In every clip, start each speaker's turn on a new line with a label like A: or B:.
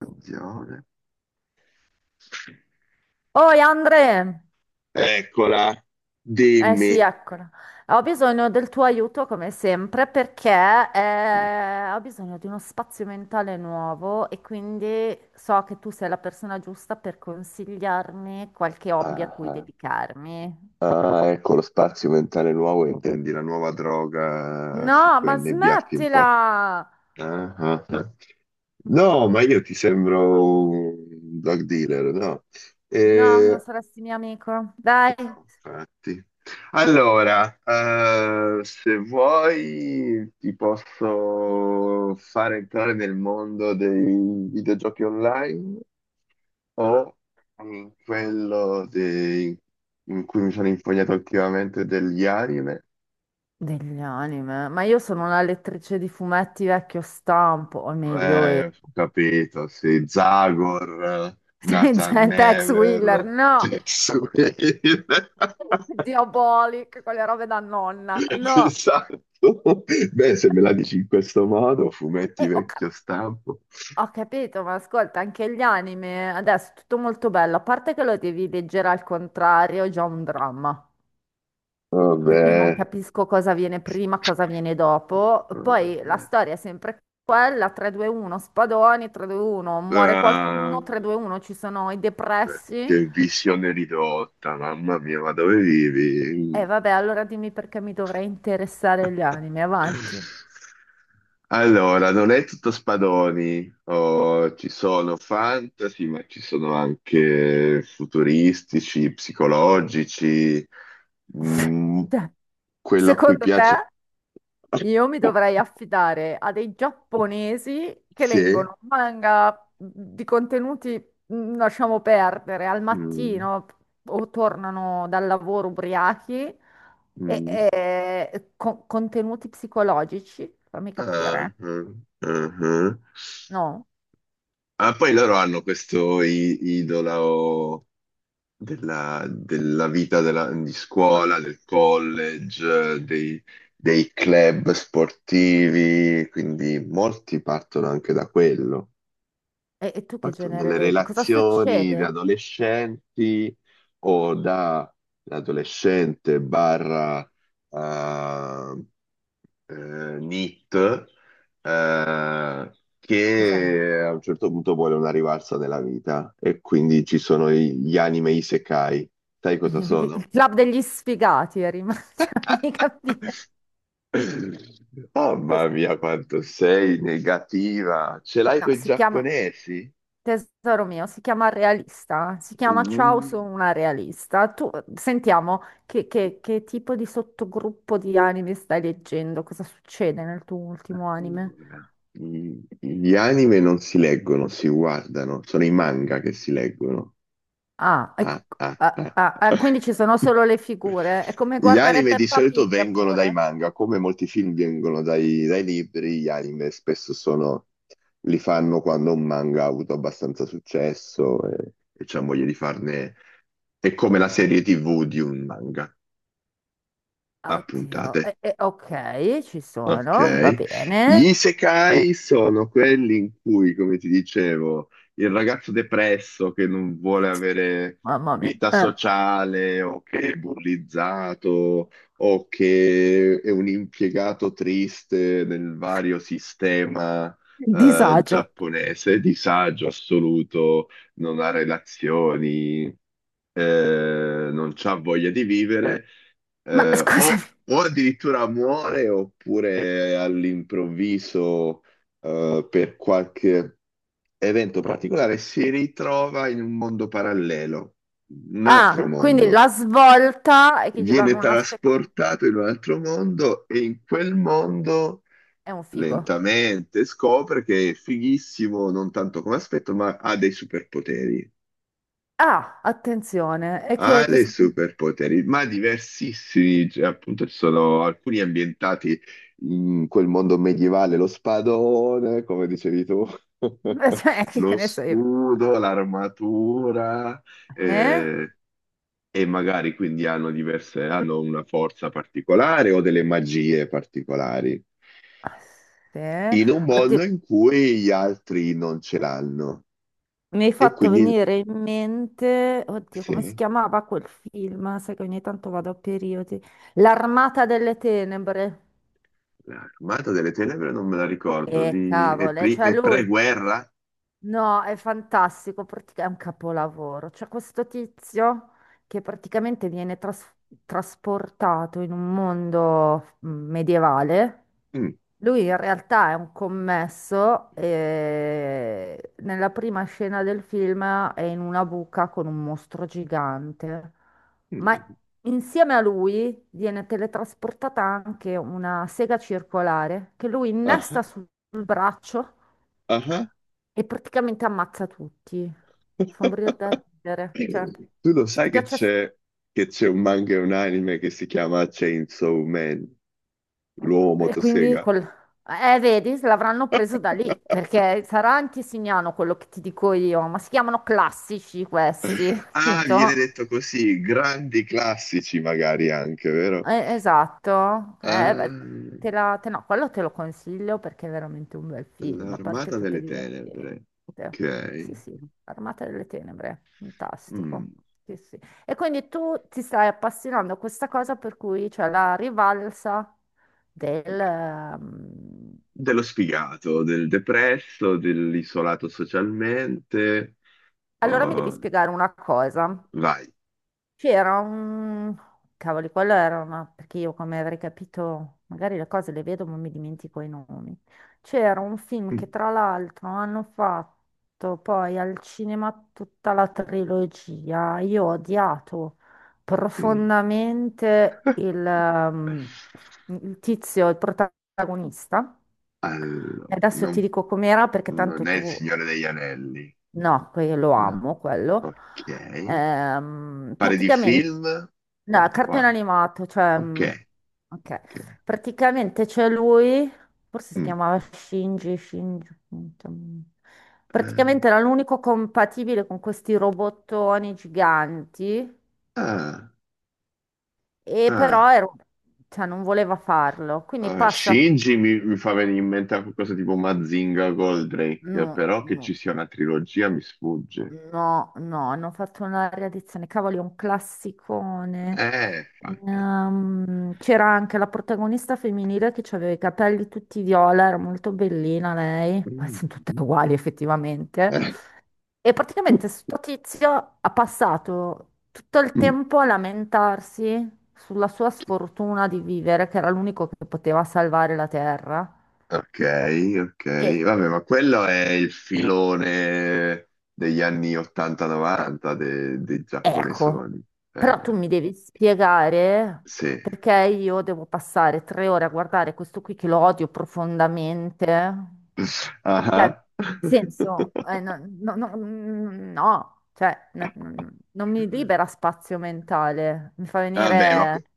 A: Attenzione.
B: Oi Andre,
A: Eccola,
B: eh sì,
A: dimmi.
B: eccola. Ho bisogno del tuo aiuto come sempre perché ho bisogno di uno spazio mentale nuovo e quindi so che tu sei la persona giusta per consigliarmi qualche hobby a
A: Ah,
B: cui
A: ah.
B: dedicarmi.
A: Ah, ecco lo spazio mentale nuovo, intendi la nuova droga su
B: No,
A: cui
B: ma
A: annebbiarti un
B: smettila!
A: po'. Ah, ah, ah. No, ma io ti sembro un drug dealer, no?
B: No, non
A: Eh,
B: saresti mio amico. Dai.
A: no, infatti. Allora, se vuoi ti posso fare entrare nel mondo dei videogiochi online. O mm, quello dei- in cui mi sono infognato ultimamente degli anime.
B: Degli anime, ma io sono una lettrice di fumetti vecchio stampo, o meglio, e...
A: Ho capito, sì, Zagor, Nathan
B: gente ex Wheeler,
A: Never,
B: no!
A: Tetsuya.
B: Diabolic, quelle robe da nonna. No,
A: Esatto. Beh, se me la dici in questo modo, fumetti
B: e ho, cap-
A: vecchio stampo.
B: ho capito, ma ascolta, anche gli anime adesso è tutto molto bello, a parte che lo devi leggere al contrario, è già un dramma, perché io non
A: Vabbè.
B: capisco cosa viene prima, cosa viene dopo. Poi la
A: Vabbè.
B: storia è sempre quella, 3-2-1, spadoni, 3-2-1, muore
A: Eh,
B: qualcuno, 3-2-1, ci sono i depressi.
A: Che visione ridotta, mamma mia, ma dove
B: E
A: vivi?
B: vabbè, allora dimmi perché mi dovrei interessare gli anime, avanti.
A: Allora, non è tutto spadoni. Oh, ci sono fantasy, ma ci sono anche futuristici, psicologici, mm,
B: Cioè,
A: quello a cui
B: secondo
A: piace.
B: te? Io mi dovrei affidare a dei giapponesi che
A: Sì.
B: leggono manga mhmm, di contenuti, lasciamo perdere, al
A: Mm,
B: mattino o tornano dal lavoro ubriachi e,
A: mm.
B: e con- contenuti psicologici, fammi
A: Ah,
B: capire,
A: ah, ah, ah.
B: no?
A: Ah, poi loro hanno questo idolo. Della, della vita di scuola, del college, dei, dei club sportivi, quindi molti partono anche da quello,
B: E tu che
A: partono
B: genere
A: dalle
B: leggi? Cosa
A: relazioni da
B: succede?
A: adolescenti o da l'adolescente barra eh, Nit, eh,
B: Cos'è?
A: che a un certo punto vuole una rivalsa nella vita e quindi ci sono gli anime isekai. Sai cosa
B: Il,
A: sono?
B: il club degli sfigati è rimasto, fammi capire.
A: Oh, mamma
B: Cos-
A: mia, quanto sei negativa! Ce l'hai
B: No,
A: con i
B: si chiama...
A: giapponesi?
B: Tesoro mio, si chiama realista, si chiama Ciao,
A: Mm.
B: sono una realista. Tu sentiamo che tipo di sottogruppo di anime stai leggendo, cosa succede nel tuo ultimo anime?
A: Allora, gli anime non si leggono, si guardano, sono i manga che si leggono.
B: Ah, ecco,
A: Ah, ah,
B: ah,
A: ah.
B: ah, ah, quindi ci sono solo le figure, è come
A: Gli
B: guardare
A: anime di
B: Peppa
A: solito
B: Pig
A: vengono dai
B: pure.
A: manga, come molti film vengono dai libri, gli anime spesso sono, li fanno quando un manga ha avuto abbastanza successo e c'è voglia di farne, è come la serie TV di un manga a
B: Oddio,
A: puntate.
B: ok, ci sono, va
A: Ok, gli
B: bene.
A: isekai sono quelli in cui, come ti dicevo, il ragazzo depresso che non vuole avere
B: Mamma mia,
A: vita sociale o che è bullizzato o che è un impiegato triste nel vario sistema,
B: disagio.
A: giapponese, disagio assoluto, non ha relazioni, non ha voglia di vivere,
B: Ma scusami.
A: o addirittura muore oppure all'improvviso, per qualche evento particolare, si ritrova in un mondo parallelo, un altro
B: Ah, quindi
A: mondo.
B: la svolta è che ci
A: Viene
B: danno una seconda.
A: trasportato in un altro mondo e in quel mondo
B: È un figo.
A: lentamente scopre che è fighissimo, non tanto come aspetto, ma ha dei superpoteri.
B: Ah, attenzione,
A: Ha dei superpoteri, ma diversissimi, cioè, appunto ci sono alcuni ambientati in quel mondo medievale, lo spadone, come dicevi tu,
B: cioè, che
A: lo
B: ne so io.
A: scudo, l'armatura,
B: Eh?
A: eh, e magari quindi hanno diverse, hanno una forza particolare o delle magie particolari,
B: Ah, sì.
A: in un mondo
B: Oddio,
A: in cui gli altri non ce l'hanno.
B: mi hai
A: E
B: fatto
A: quindi,
B: venire in mente, oddio, come si
A: sì.
B: chiamava quel film? Sai che ogni tanto vado a periodi. L'Armata delle Tenebre.
A: L'Armata delle Tenebre non me la ricordo.
B: E
A: Di... È,
B: cavole, cioè
A: è
B: lui,
A: pre-guerra?
B: no, è fantastico, è un capolavoro. C'è questo tizio che praticamente viene trasportato in un mondo medievale.
A: Mm.
B: Lui in realtà è un commesso e nella prima scena del film è in una buca con un mostro gigante, ma
A: Mm.
B: insieme a lui viene teletrasportata anche una sega circolare che lui
A: Ah,
B: innesta sul braccio
A: ah.
B: e praticamente ammazza tutti. Fa morire da ridere. Cioè,
A: Tu lo
B: se ti
A: sai
B: piace.
A: che c'è un manga e un anime che si chiama Chainsaw Man, l'uomo
B: E quindi
A: motosega.
B: col... vedi, se l'avranno preso da lì, perché sarà anche signano quello che ti dico io, ma si chiamano classici questi,
A: Ah, viene
B: capito?
A: detto così, grandi classici magari anche, vero?
B: Esatto. Beh,
A: Ah,
B: no, quello te lo consiglio perché è veramente un bel film, a parte
A: l'Armata
B: tutte
A: delle
B: divertenti.
A: Tenebre. Ok.
B: Sì, sì, Armata delle Tenebre, fantastico.
A: Mm.
B: Sì, sì. E quindi tu ti stai appassionando a questa cosa per cui c'è la rivalsa del...
A: Dello sfigato, del depresso, dell'isolato socialmente.
B: Allora mi devi
A: Oh,
B: spiegare una cosa.
A: vai.
B: C'era un... Cavoli, quello era una... Perché io come avrei capito, magari le cose le vedo ma mi dimentico i nomi. C'era un film che tra l'altro hanno fatto poi al cinema tutta la trilogia. Io ho odiato
A: Mm.
B: profondamente il tizio, il protagonista.
A: Allora,
B: E adesso ti
A: non,
B: dico com'era perché
A: non
B: tanto
A: è
B: tu...
A: il Signore degli Anelli.
B: No, lo
A: No.
B: amo quello.
A: Ok. Pare di
B: Praticamente,
A: film?
B: no,
A: Oh, wow.
B: cartone animato, cioè,
A: Ok,
B: ok.
A: ok.
B: Praticamente c'è lui, forse si
A: Mm.
B: chiamava Shinji, Shinji. mm,
A: Ah,
B: Praticamente era l'unico compatibile con questi robottoni giganti,
A: ah,
B: e
A: ah.
B: però cioè, non voleva farlo. Quindi passa,
A: Shinji mi fa venire in mente qualcosa tipo Mazinga Goldrake,
B: no,
A: però che ci
B: no.
A: sia una trilogia mi sfugge.
B: No, no, hanno fatto una riedizione, cavoli, è un classicone.
A: Fai-
B: C'era anche la protagonista femminile che aveva i capelli tutti viola, era molto bellina lei, poi sono tutte
A: Mm.
B: uguali effettivamente. E praticamente sto tizio ha passato tutto il
A: Mm.
B: tempo a lamentarsi sulla sua sfortuna di vivere, che era l'unico che poteva salvare la Terra.
A: Ok, ok.
B: E
A: Vabbè, ma quello è il filone degli anni 80-90 dei
B: ecco,
A: giapponesoni.
B: però tu
A: Eh,
B: mi devi spiegare
A: sì.
B: perché io devo passare tre ore a guardare questo qui che lo odio profondamente. Cioè,
A: Ah.
B: nel senso, no, no, no, no, cioè, non mi libera spazio mentale, mi fa
A: Vabbè, ma
B: venire...
A: que-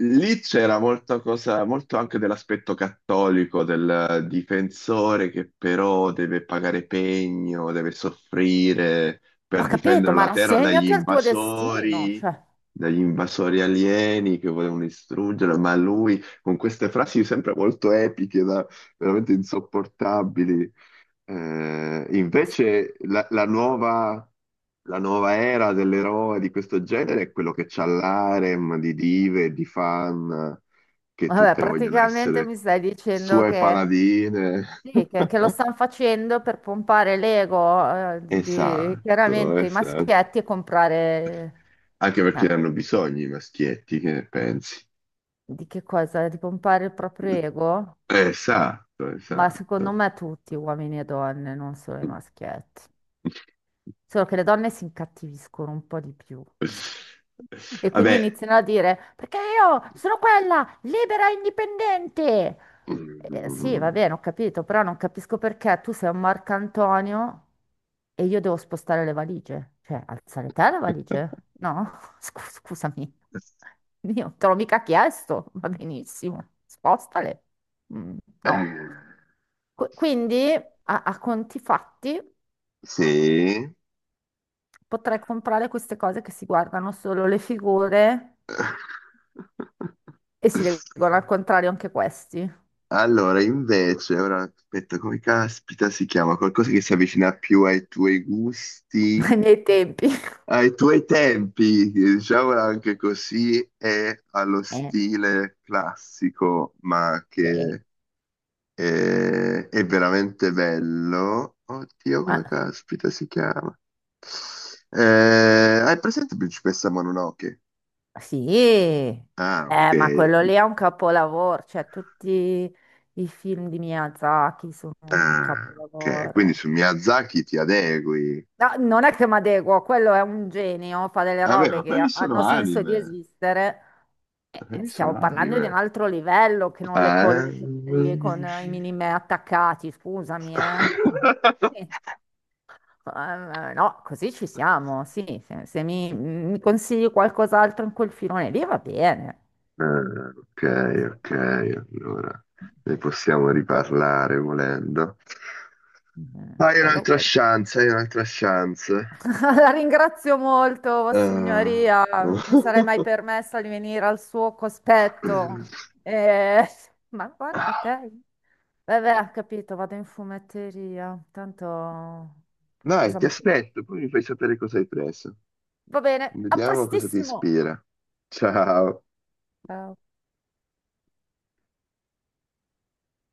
A: lì c'era molta cosa, molto anche dell'aspetto cattolico del difensore che però deve pagare pegno, deve soffrire per
B: Ho capito,
A: difendere
B: ma
A: la terra
B: rassegnati al tuo destino. Cioè,
A: dagli invasori alieni che volevano distruggere, ma lui con queste frasi sempre molto epiche, da- veramente insopportabili. Invece la nuova era dell'eroe di questo genere è quello che c'ha l'harem di dive, di fan, che
B: vabbè,
A: tutte vogliono
B: praticamente
A: essere
B: mi stai dicendo
A: sue
B: che
A: paladine.
B: sì, che lo stanno facendo per pompare l'ego,
A: Esatto,
B: chiaramente i
A: esatto.
B: maschietti e comprare...
A: Anche perché
B: eh,
A: hanno bisogno i maschietti, che ne pensi?
B: di che cosa? Di pompare il proprio ego?
A: Esatto,
B: Ma secondo
A: esatto.
B: me tutti, uomini e donne, non solo i maschietti. Solo che le donne si incattiviscono un po' di più. E quindi
A: Vabbè.
B: iniziano a dire, perché io sono quella libera e indipendente. Sì,
A: Mm.
B: va bene, ho capito, però non capisco perché tu sei un Marcantonio e io devo spostare le valigie. Cioè, alzare te le valigie? No? Scusami, io te l'ho mica chiesto, va benissimo, spostale. Mm,
A: Eh,
B: no. Quindi, a conti fatti...
A: sì.
B: Potrei comprare queste cose che si guardano solo le figure e si leggono al contrario anche questi,
A: Allora, invece, ora aspetta, come caspita si chiama? Qualcosa che si avvicina più ai tuoi gusti,
B: ai miei tempi.
A: ai tuoi tempi, diciamola anche così, e allo
B: Eh,
A: stile classico, ma
B: sì.
A: che è, è veramente bello. Oddio, come
B: Ma-
A: caspita si chiama? Eh, hai presente Principessa Mononoke?
B: sì,
A: Ah, ok.
B: ma quello lì è un capolavoro, cioè tutti i film di Miyazaki sono un
A: Ah, ok, quindi
B: capolavoro.
A: su Miyazaki ti adegui.
B: No, non è che mi adeguo, quello è un genio, fa delle
A: Vabbè,
B: robe
A: ma
B: che
A: quelli sono
B: hanno senso di
A: anime.
B: esistere.
A: Quelli sono
B: Stiamo parlando di un
A: anime.
B: altro livello che non le
A: Ah,
B: colleghi lì
A: eh.
B: con i minimi attaccati, scusami, eh. Sì. No, così ci siamo, sì. Se mi consigli qualcos'altro in quel filone lì va bene.
A: Ah, ok,
B: Sì, sì.
A: ok, allora ne possiamo riparlare volendo. Hai
B: Quello,
A: un'altra
B: quello.
A: chance, hai un'altra chance.
B: La ringrazio molto,
A: Ah.
B: Vossignoria. Non mi sarei mai permessa di venire al suo cospetto. Eh, ma guarda te. Vabbè, ho capito, vado in fumetteria. Tanto
A: Dai,
B: cosa
A: ti
B: mi...
A: aspetto, poi mi fai sapere cosa hai preso.
B: Va bene, a
A: Vediamo cosa ti
B: prestissimo.
A: ispira. Ciao.
B: Ciao.